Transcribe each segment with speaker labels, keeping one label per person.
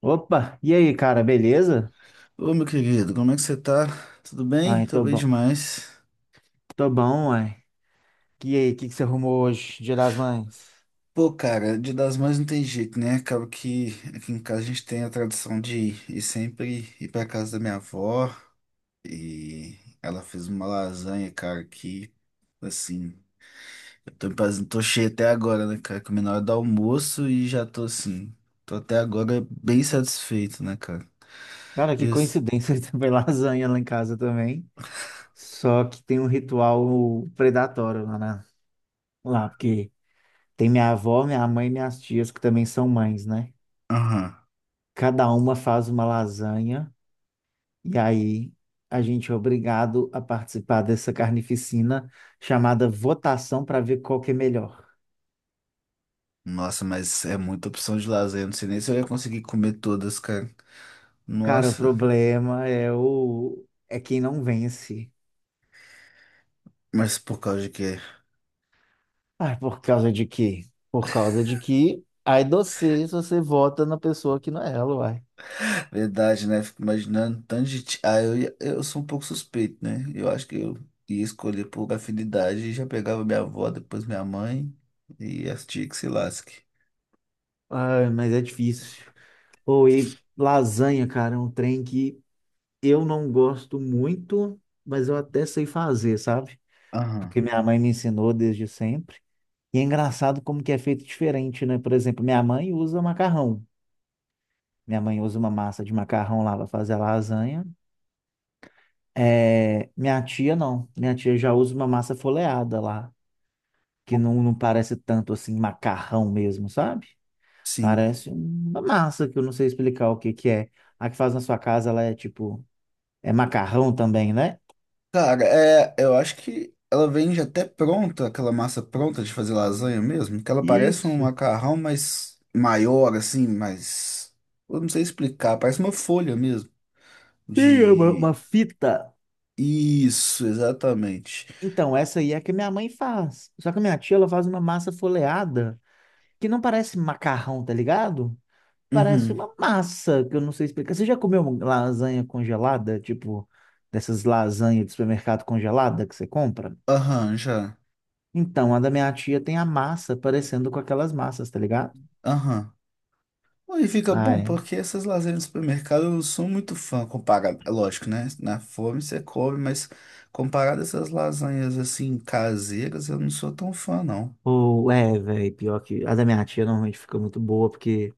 Speaker 1: Opa, e aí, cara, beleza?
Speaker 2: Ô, meu querido, como é que você tá? Tudo bem?
Speaker 1: Ai,
Speaker 2: Tô
Speaker 1: tô
Speaker 2: bem
Speaker 1: bom.
Speaker 2: demais.
Speaker 1: Tô bom, uai. E aí, o que que você arrumou hoje, Dia das Mães?
Speaker 2: Pô, cara, Dia das Mães não tem jeito, né? Acaba que aqui em casa a gente tem a tradição de ir sempre ir pra casa da minha avó e ela fez uma lasanha, cara, que, assim, tô cheio até agora, né, cara? Comi na hora do almoço e já tô, assim, tô até agora bem satisfeito, né, cara?
Speaker 1: Cara, que
Speaker 2: Isso.
Speaker 1: coincidência, também lasanha lá em casa também. Só que tem um ritual predatório lá, lá, porque tem minha avó, minha mãe e minhas tias que também são mães, né?
Speaker 2: Aham.
Speaker 1: Cada uma faz uma lasanha e aí a gente é obrigado a participar dessa carnificina chamada votação para ver qual que é melhor.
Speaker 2: Nossa, mas é muita opção de lasanha, eu não sei nem se eu ia conseguir comer todas, cara.
Speaker 1: Cara, o
Speaker 2: Nossa,
Speaker 1: problema é o é quem não vence.
Speaker 2: mas por causa de quê?
Speaker 1: Ah, por causa de quê? Por causa de que aí você vota na pessoa que não é ela, uai.
Speaker 2: Verdade, né? Fico imaginando tanto de. Ti- Ah, eu, ia- eu sou um pouco suspeito, né? Eu acho que eu ia escolher por afinidade e já pegava minha avó, depois minha mãe e as tias que se lasque.
Speaker 1: Ai, mas é difícil. Ou e lasanha, cara, é um trem que eu não gosto muito, mas eu até sei fazer, sabe?
Speaker 2: Aham.
Speaker 1: Porque minha mãe me ensinou desde sempre. E é engraçado como que é feito diferente, né? Por exemplo, minha mãe usa macarrão. Minha mãe usa uma massa de macarrão lá para fazer a lasanha. É, minha tia não. Minha tia já usa uma massa folheada lá, que não, não parece tanto assim macarrão mesmo, sabe?
Speaker 2: Sim.
Speaker 1: Parece uma massa que eu não sei explicar o que que é. A que faz na sua casa, ela é tipo, é macarrão também, né?
Speaker 2: Cara, é, eu acho que ela vem já até pronta, aquela massa pronta de fazer lasanha mesmo, que ela parece um
Speaker 1: Isso.
Speaker 2: macarrão, mas maior, assim, mas. Eu não sei explicar, parece uma folha mesmo.
Speaker 1: Sim, é uma
Speaker 2: De.
Speaker 1: fita.
Speaker 2: Isso, exatamente.
Speaker 1: Então, essa aí é a que minha mãe faz. Só que a minha tia, ela faz uma massa folheada que não parece macarrão, tá ligado? Parece
Speaker 2: Uhum.
Speaker 1: uma massa, que eu não sei explicar. Você já comeu uma lasanha congelada? Tipo, dessas lasanhas de supermercado congelada que você compra?
Speaker 2: Aham, já.
Speaker 1: Então, a da minha tia tem a massa parecendo com aquelas massas, tá ligado?
Speaker 2: Aham. E fica bom,
Speaker 1: Ai.
Speaker 2: porque essas lasanhas do supermercado eu não sou muito fã comparado. É lógico, né? Na fome você come, mas comparado a essas lasanhas assim caseiras, eu não sou tão fã, não.
Speaker 1: Ou, é, velho, pior que a da minha tia normalmente fica muito boa, porque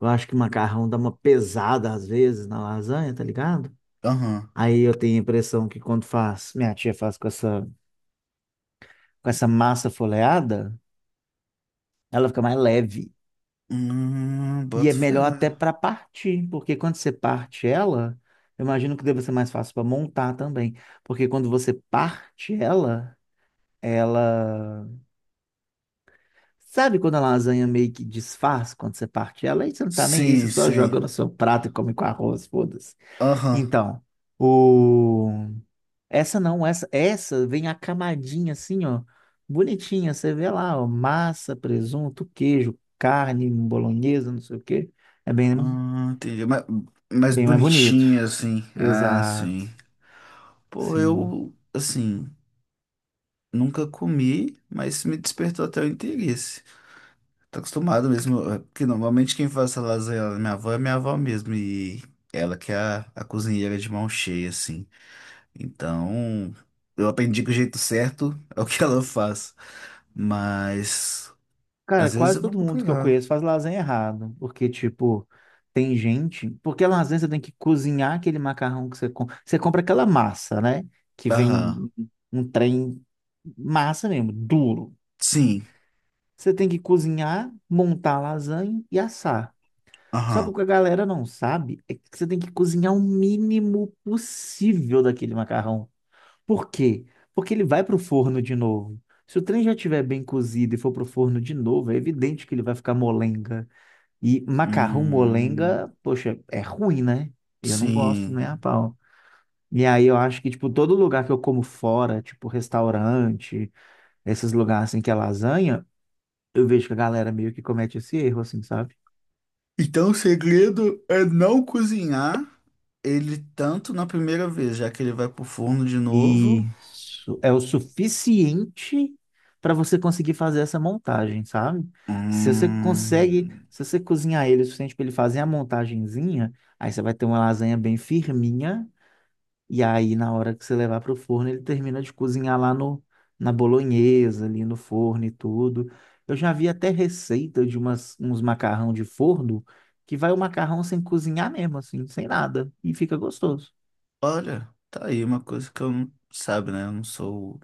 Speaker 1: eu acho que o macarrão dá uma pesada às vezes na lasanha, tá ligado?
Speaker 2: Aham.
Speaker 1: Aí eu tenho a impressão que quando faz, minha tia faz com essa massa folheada, ela fica mais leve. E é
Speaker 2: Boto fé.
Speaker 1: melhor até para partir, porque quando você parte ela, eu imagino que deve ser mais fácil para montar também, porque quando você parte ela, ela Sabe quando a lasanha meio que desfaz quando você parte ela? Aí você não tá nem aí, você
Speaker 2: Sim,
Speaker 1: só
Speaker 2: sim.
Speaker 1: joga no seu prato e come com arroz, foda-se.
Speaker 2: Aham.
Speaker 1: Então, o... Essa não, essa vem a camadinha assim, ó, bonitinha. Você vê lá, ó, massa, presunto, queijo, carne, bolonhesa, não sei o quê. É bem.
Speaker 2: Ah, entendi. Mas
Speaker 1: Bem mais bonito.
Speaker 2: bonitinha, assim. Ah,
Speaker 1: Exato.
Speaker 2: sim. Pô,
Speaker 1: Sim.
Speaker 2: eu, assim, nunca comi, mas me despertou até o interesse. Tô acostumado mesmo, é, porque normalmente quem faz essa lasanha lá na minha avó é minha avó mesmo, e ela que é a cozinheira de mão cheia, assim. Então, eu aprendi que o jeito certo é o que ela faz, mas
Speaker 1: Cara,
Speaker 2: às vezes
Speaker 1: quase
Speaker 2: eu vou
Speaker 1: todo mundo que eu conheço
Speaker 2: procurar.
Speaker 1: faz lasanha errado. Porque, tipo, tem gente. Porque a lasanha você tem que cozinhar aquele macarrão que você compra. Você compra aquela massa, né? Que
Speaker 2: Aham,
Speaker 1: vem um trem massa mesmo, duro.
Speaker 2: sim,
Speaker 1: Você tem que cozinhar, montar a lasanha e assar. Só que o
Speaker 2: aham,
Speaker 1: que a galera não sabe é que você tem que cozinhar o mínimo possível daquele macarrão. Por quê? Porque ele vai para o forno de novo. Se o trem já estiver bem cozido e for para o forno de novo, é evidente que ele vai ficar molenga. E macarrão
Speaker 2: hum,
Speaker 1: molenga, poxa, é ruim, né? Eu não gosto
Speaker 2: sim.
Speaker 1: nem a pau. E aí eu acho que, tipo, todo lugar que eu como fora, tipo restaurante, esses lugares assim que é lasanha, eu vejo que a galera meio que comete esse erro, assim, sabe?
Speaker 2: Então, o segredo é não cozinhar ele tanto na primeira vez, já que ele vai pro forno de novo.
Speaker 1: Isso é o suficiente para você conseguir fazer essa montagem, sabe? Se você consegue,
Speaker 2: Hum.
Speaker 1: se você cozinhar ele o suficiente para ele fazer a montagenzinha, aí você vai ter uma lasanha bem firminha e aí na hora que você levar para o forno, ele termina de cozinhar lá no na bolonhesa, ali no forno e tudo. Eu já vi até receita de umas, uns macarrão de forno que vai o macarrão sem cozinhar mesmo, assim, sem nada, e fica gostoso.
Speaker 2: Olha, tá aí uma coisa que eu não sabe, né? Eu não sou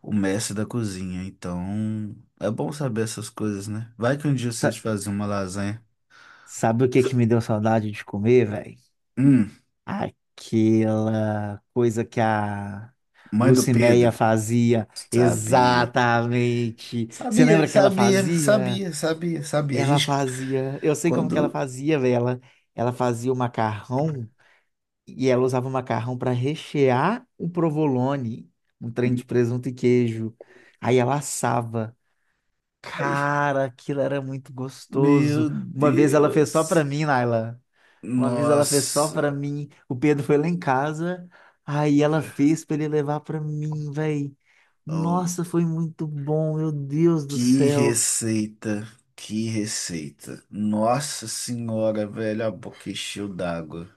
Speaker 2: o mestre da cozinha, então é bom saber essas coisas, né? Vai que um dia eu sei
Speaker 1: Essa
Speaker 2: fazer uma lasanha.
Speaker 1: Sabe o que que me deu saudade de comer, velho?
Speaker 2: Hum,
Speaker 1: Aquela coisa que a
Speaker 2: mãe do
Speaker 1: Lucinéia
Speaker 2: Pedro,
Speaker 1: fazia.
Speaker 2: sabia.
Speaker 1: Exatamente. Você
Speaker 2: Sabia,
Speaker 1: lembra que ela
Speaker 2: sabia,
Speaker 1: fazia?
Speaker 2: sabia, sabia, sabia. A
Speaker 1: Ela
Speaker 2: gente
Speaker 1: fazia. Eu sei como que ela
Speaker 2: quando.
Speaker 1: fazia, velho. Ela fazia o macarrão e ela usava o macarrão para rechear o provolone, um trem de presunto e queijo. Aí ela assava.
Speaker 2: Ai,
Speaker 1: Cara, aquilo era muito gostoso.
Speaker 2: meu
Speaker 1: Uma vez ela fez só pra
Speaker 2: Deus.
Speaker 1: mim, Naila. Uma vez ela fez só pra
Speaker 2: Nossa,
Speaker 1: mim. O Pedro foi lá em casa. Aí ela fez pra ele levar pra mim, velho.
Speaker 2: oh,
Speaker 1: Nossa, foi muito bom, meu Deus do
Speaker 2: que
Speaker 1: céu.
Speaker 2: receita, que receita. Nossa senhora, velho, a boca encheu d'água.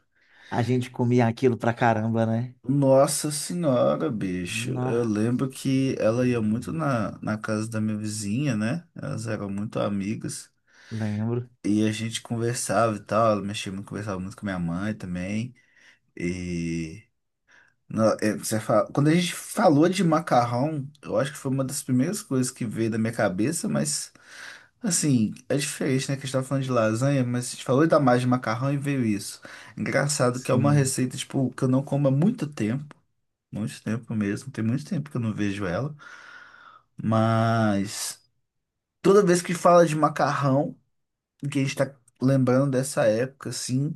Speaker 1: A gente comia aquilo pra caramba, né?
Speaker 2: Nossa senhora, bicho. Eu
Speaker 1: Nó,
Speaker 2: lembro que ela ia muito na casa da minha vizinha, né? Elas eram muito amigas.
Speaker 1: lembro.
Speaker 2: E a gente conversava e tal. Ela mexia muito, conversava muito com minha mãe também. E. Quando a gente falou de macarrão, eu acho que foi uma das primeiras coisas que veio da minha cabeça, mas. Assim, é diferente, né? Que a gente tava falando de lasanha, mas a gente falou da mais de macarrão e veio isso. Engraçado que é uma
Speaker 1: Sim,
Speaker 2: receita, tipo, que eu não como há muito tempo. Muito tempo mesmo. Tem muito tempo que eu não vejo ela. Mas toda vez que fala de macarrão, que a gente tá lembrando dessa época, assim,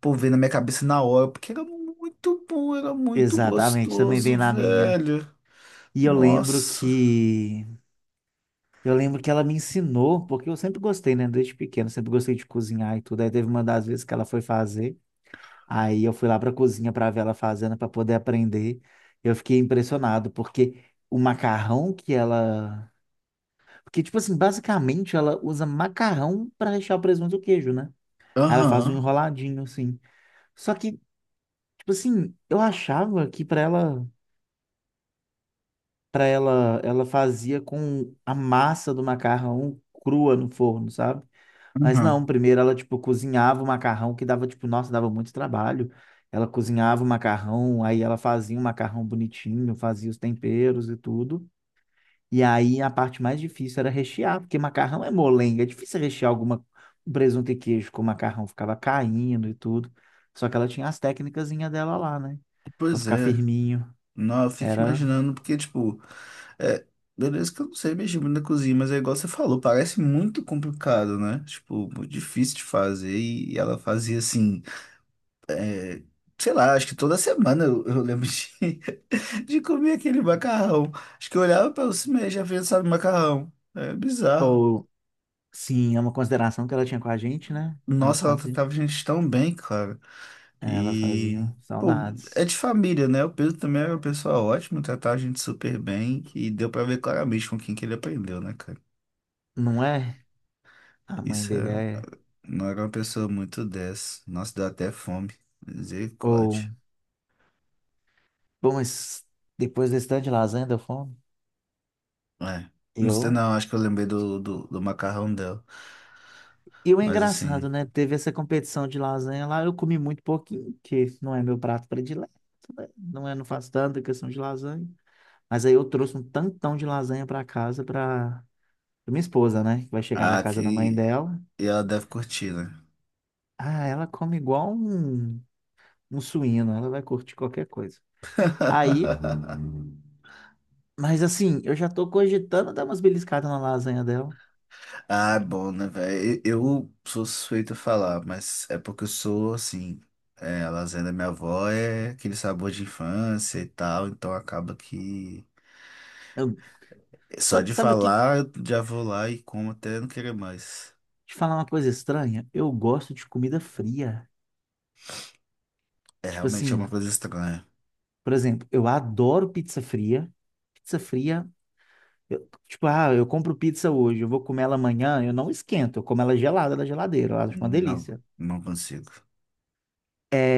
Speaker 2: pô, vem na minha cabeça na hora, porque era muito bom, era muito
Speaker 1: exatamente. Também vem
Speaker 2: gostoso,
Speaker 1: na minha.
Speaker 2: velho.
Speaker 1: E eu lembro
Speaker 2: Nossa.
Speaker 1: que eu lembro que ela me ensinou, porque eu sempre gostei, né? Desde pequeno, sempre gostei de cozinhar e tudo. Aí teve uma das vezes que ela foi fazer. Aí eu fui lá para a cozinha para ver ela fazendo para poder aprender. Eu fiquei impressionado porque o macarrão que ela, porque tipo assim, basicamente ela usa macarrão para rechear o presunto e o queijo, né? Aí ela faz um
Speaker 2: Aham,
Speaker 1: enroladinho assim. Só que tipo assim, eu achava que para ela, ela fazia com a massa do macarrão crua no forno, sabe? Mas
Speaker 2: aham.
Speaker 1: não, primeiro ela, tipo, cozinhava o macarrão que dava, tipo, nossa, dava muito trabalho. Ela cozinhava o macarrão, aí ela fazia o macarrão bonitinho, fazia os temperos e tudo. E aí a parte mais difícil era rechear, porque macarrão é molenga, é difícil rechear alguma um presunto e queijo com macarrão, ficava caindo e tudo. Só que ela tinha as técnicazinhas dela lá, né? Pra
Speaker 2: Pois
Speaker 1: ficar
Speaker 2: é.
Speaker 1: firminho.
Speaker 2: Não, eu fico
Speaker 1: Era,
Speaker 2: imaginando, porque, tipo, é, beleza que eu não sei mexer muito na cozinha, mas é igual você falou, parece muito complicado, né? Tipo, muito difícil de fazer, e ela fazia assim. Sei lá, acho que toda semana eu lembro de, de comer aquele macarrão. Acho que eu olhava para o cinema e já pensava em macarrão. É bizarro.
Speaker 1: ou, sim, é uma consideração que ela tinha com a gente, né?
Speaker 2: Nossa, ela tratava a gente tão bem, cara.
Speaker 1: Ela
Speaker 2: E,
Speaker 1: fazia
Speaker 2: pô, é
Speaker 1: saudades.
Speaker 2: de família, né? O Pedro também era uma pessoa ótima, tratava a gente super bem. E deu pra ver claramente com quem que ele aprendeu, né, cara?
Speaker 1: Não é? A mãe
Speaker 2: Isso
Speaker 1: dele
Speaker 2: é,
Speaker 1: é.
Speaker 2: não era uma pessoa muito dessa. Nossa, deu até fome.
Speaker 1: Ou.
Speaker 2: Misericórdia.
Speaker 1: Bom, mas depois desse tanto de lasanha deu fome?
Speaker 2: É. Não sei,
Speaker 1: Eu.
Speaker 2: não, acho que eu lembrei do, do macarrão dela.
Speaker 1: E o
Speaker 2: Mas assim.
Speaker 1: engraçado, né? Teve essa competição de lasanha lá, eu comi muito pouquinho, que não é meu prato predileto, né? Não é, não faço tanta questão de lasanha. Mas aí eu trouxe um tantão de lasanha pra casa pra, pra minha esposa, né? Que vai chegar da
Speaker 2: Ah,
Speaker 1: casa da mãe
Speaker 2: que...
Speaker 1: dela.
Speaker 2: E ela deve curtir, né?
Speaker 1: Ah, ela come igual um suíno, ela vai curtir qualquer coisa. Aí, mas assim, eu já tô cogitando dar umas beliscadas na lasanha dela.
Speaker 2: Ah, é bom, né, velho? Eu sou suspeito a falar, mas é porque eu sou, assim, é, a lasanha da minha avó é aquele sabor de infância e tal, então acaba que
Speaker 1: Eu-
Speaker 2: só de
Speaker 1: Sabe, sabe o que
Speaker 2: falar eu já vou lá e como até não querer mais.
Speaker 1: Te falar uma coisa estranha, eu gosto de comida fria.
Speaker 2: É
Speaker 1: Tipo
Speaker 2: realmente é uma
Speaker 1: assim,
Speaker 2: coisa estranha.
Speaker 1: por exemplo, eu adoro pizza fria. Pizza fria, tipo, ah, eu compro pizza hoje, eu vou comer ela amanhã, eu não esquento, eu como ela gelada da geladeira, eu acho uma
Speaker 2: Não,
Speaker 1: delícia.
Speaker 2: não consigo.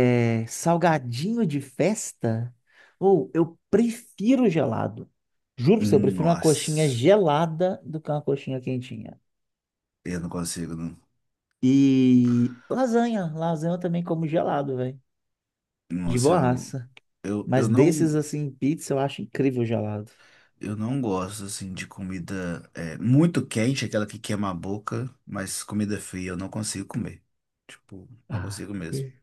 Speaker 1: É, salgadinho de festa? Ou eu prefiro gelado. Juro pra você, eu prefiro uma coxinha
Speaker 2: Nossa,
Speaker 1: gelada do que uma coxinha quentinha.
Speaker 2: eu não consigo, não.
Speaker 1: E lasanha, lasanha eu também como gelado, velho. De
Speaker 2: Nossa,
Speaker 1: boaça. Mas
Speaker 2: eu
Speaker 1: desses,
Speaker 2: não.
Speaker 1: assim, pizza eu acho incrível gelado.
Speaker 2: Eu não gosto, assim, de comida é, muito quente, aquela que queima a boca, mas comida fria eu não consigo comer. Tipo, não
Speaker 1: Ah,
Speaker 2: consigo mesmo.
Speaker 1: ok.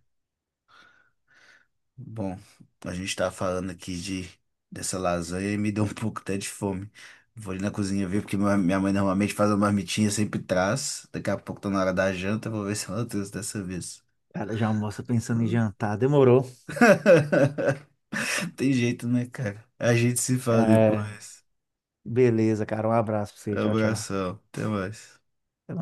Speaker 2: Bom, a gente tá falando aqui de dessa lasanha e me deu um pouco até de fome. Vou ali na cozinha ver, porque minha mãe normalmente faz uma marmitinha, sempre traz. Daqui a pouco tá na hora da janta, vou ver se ela trouxe dessa vez.
Speaker 1: Cara, já almoça pensando em jantar. Demorou.
Speaker 2: Tem jeito, né, cara? A gente se fala
Speaker 1: É,
Speaker 2: depois.
Speaker 1: beleza, cara. Um abraço pra você. Tchau, tchau.
Speaker 2: Abração, até mais.
Speaker 1: Até mais.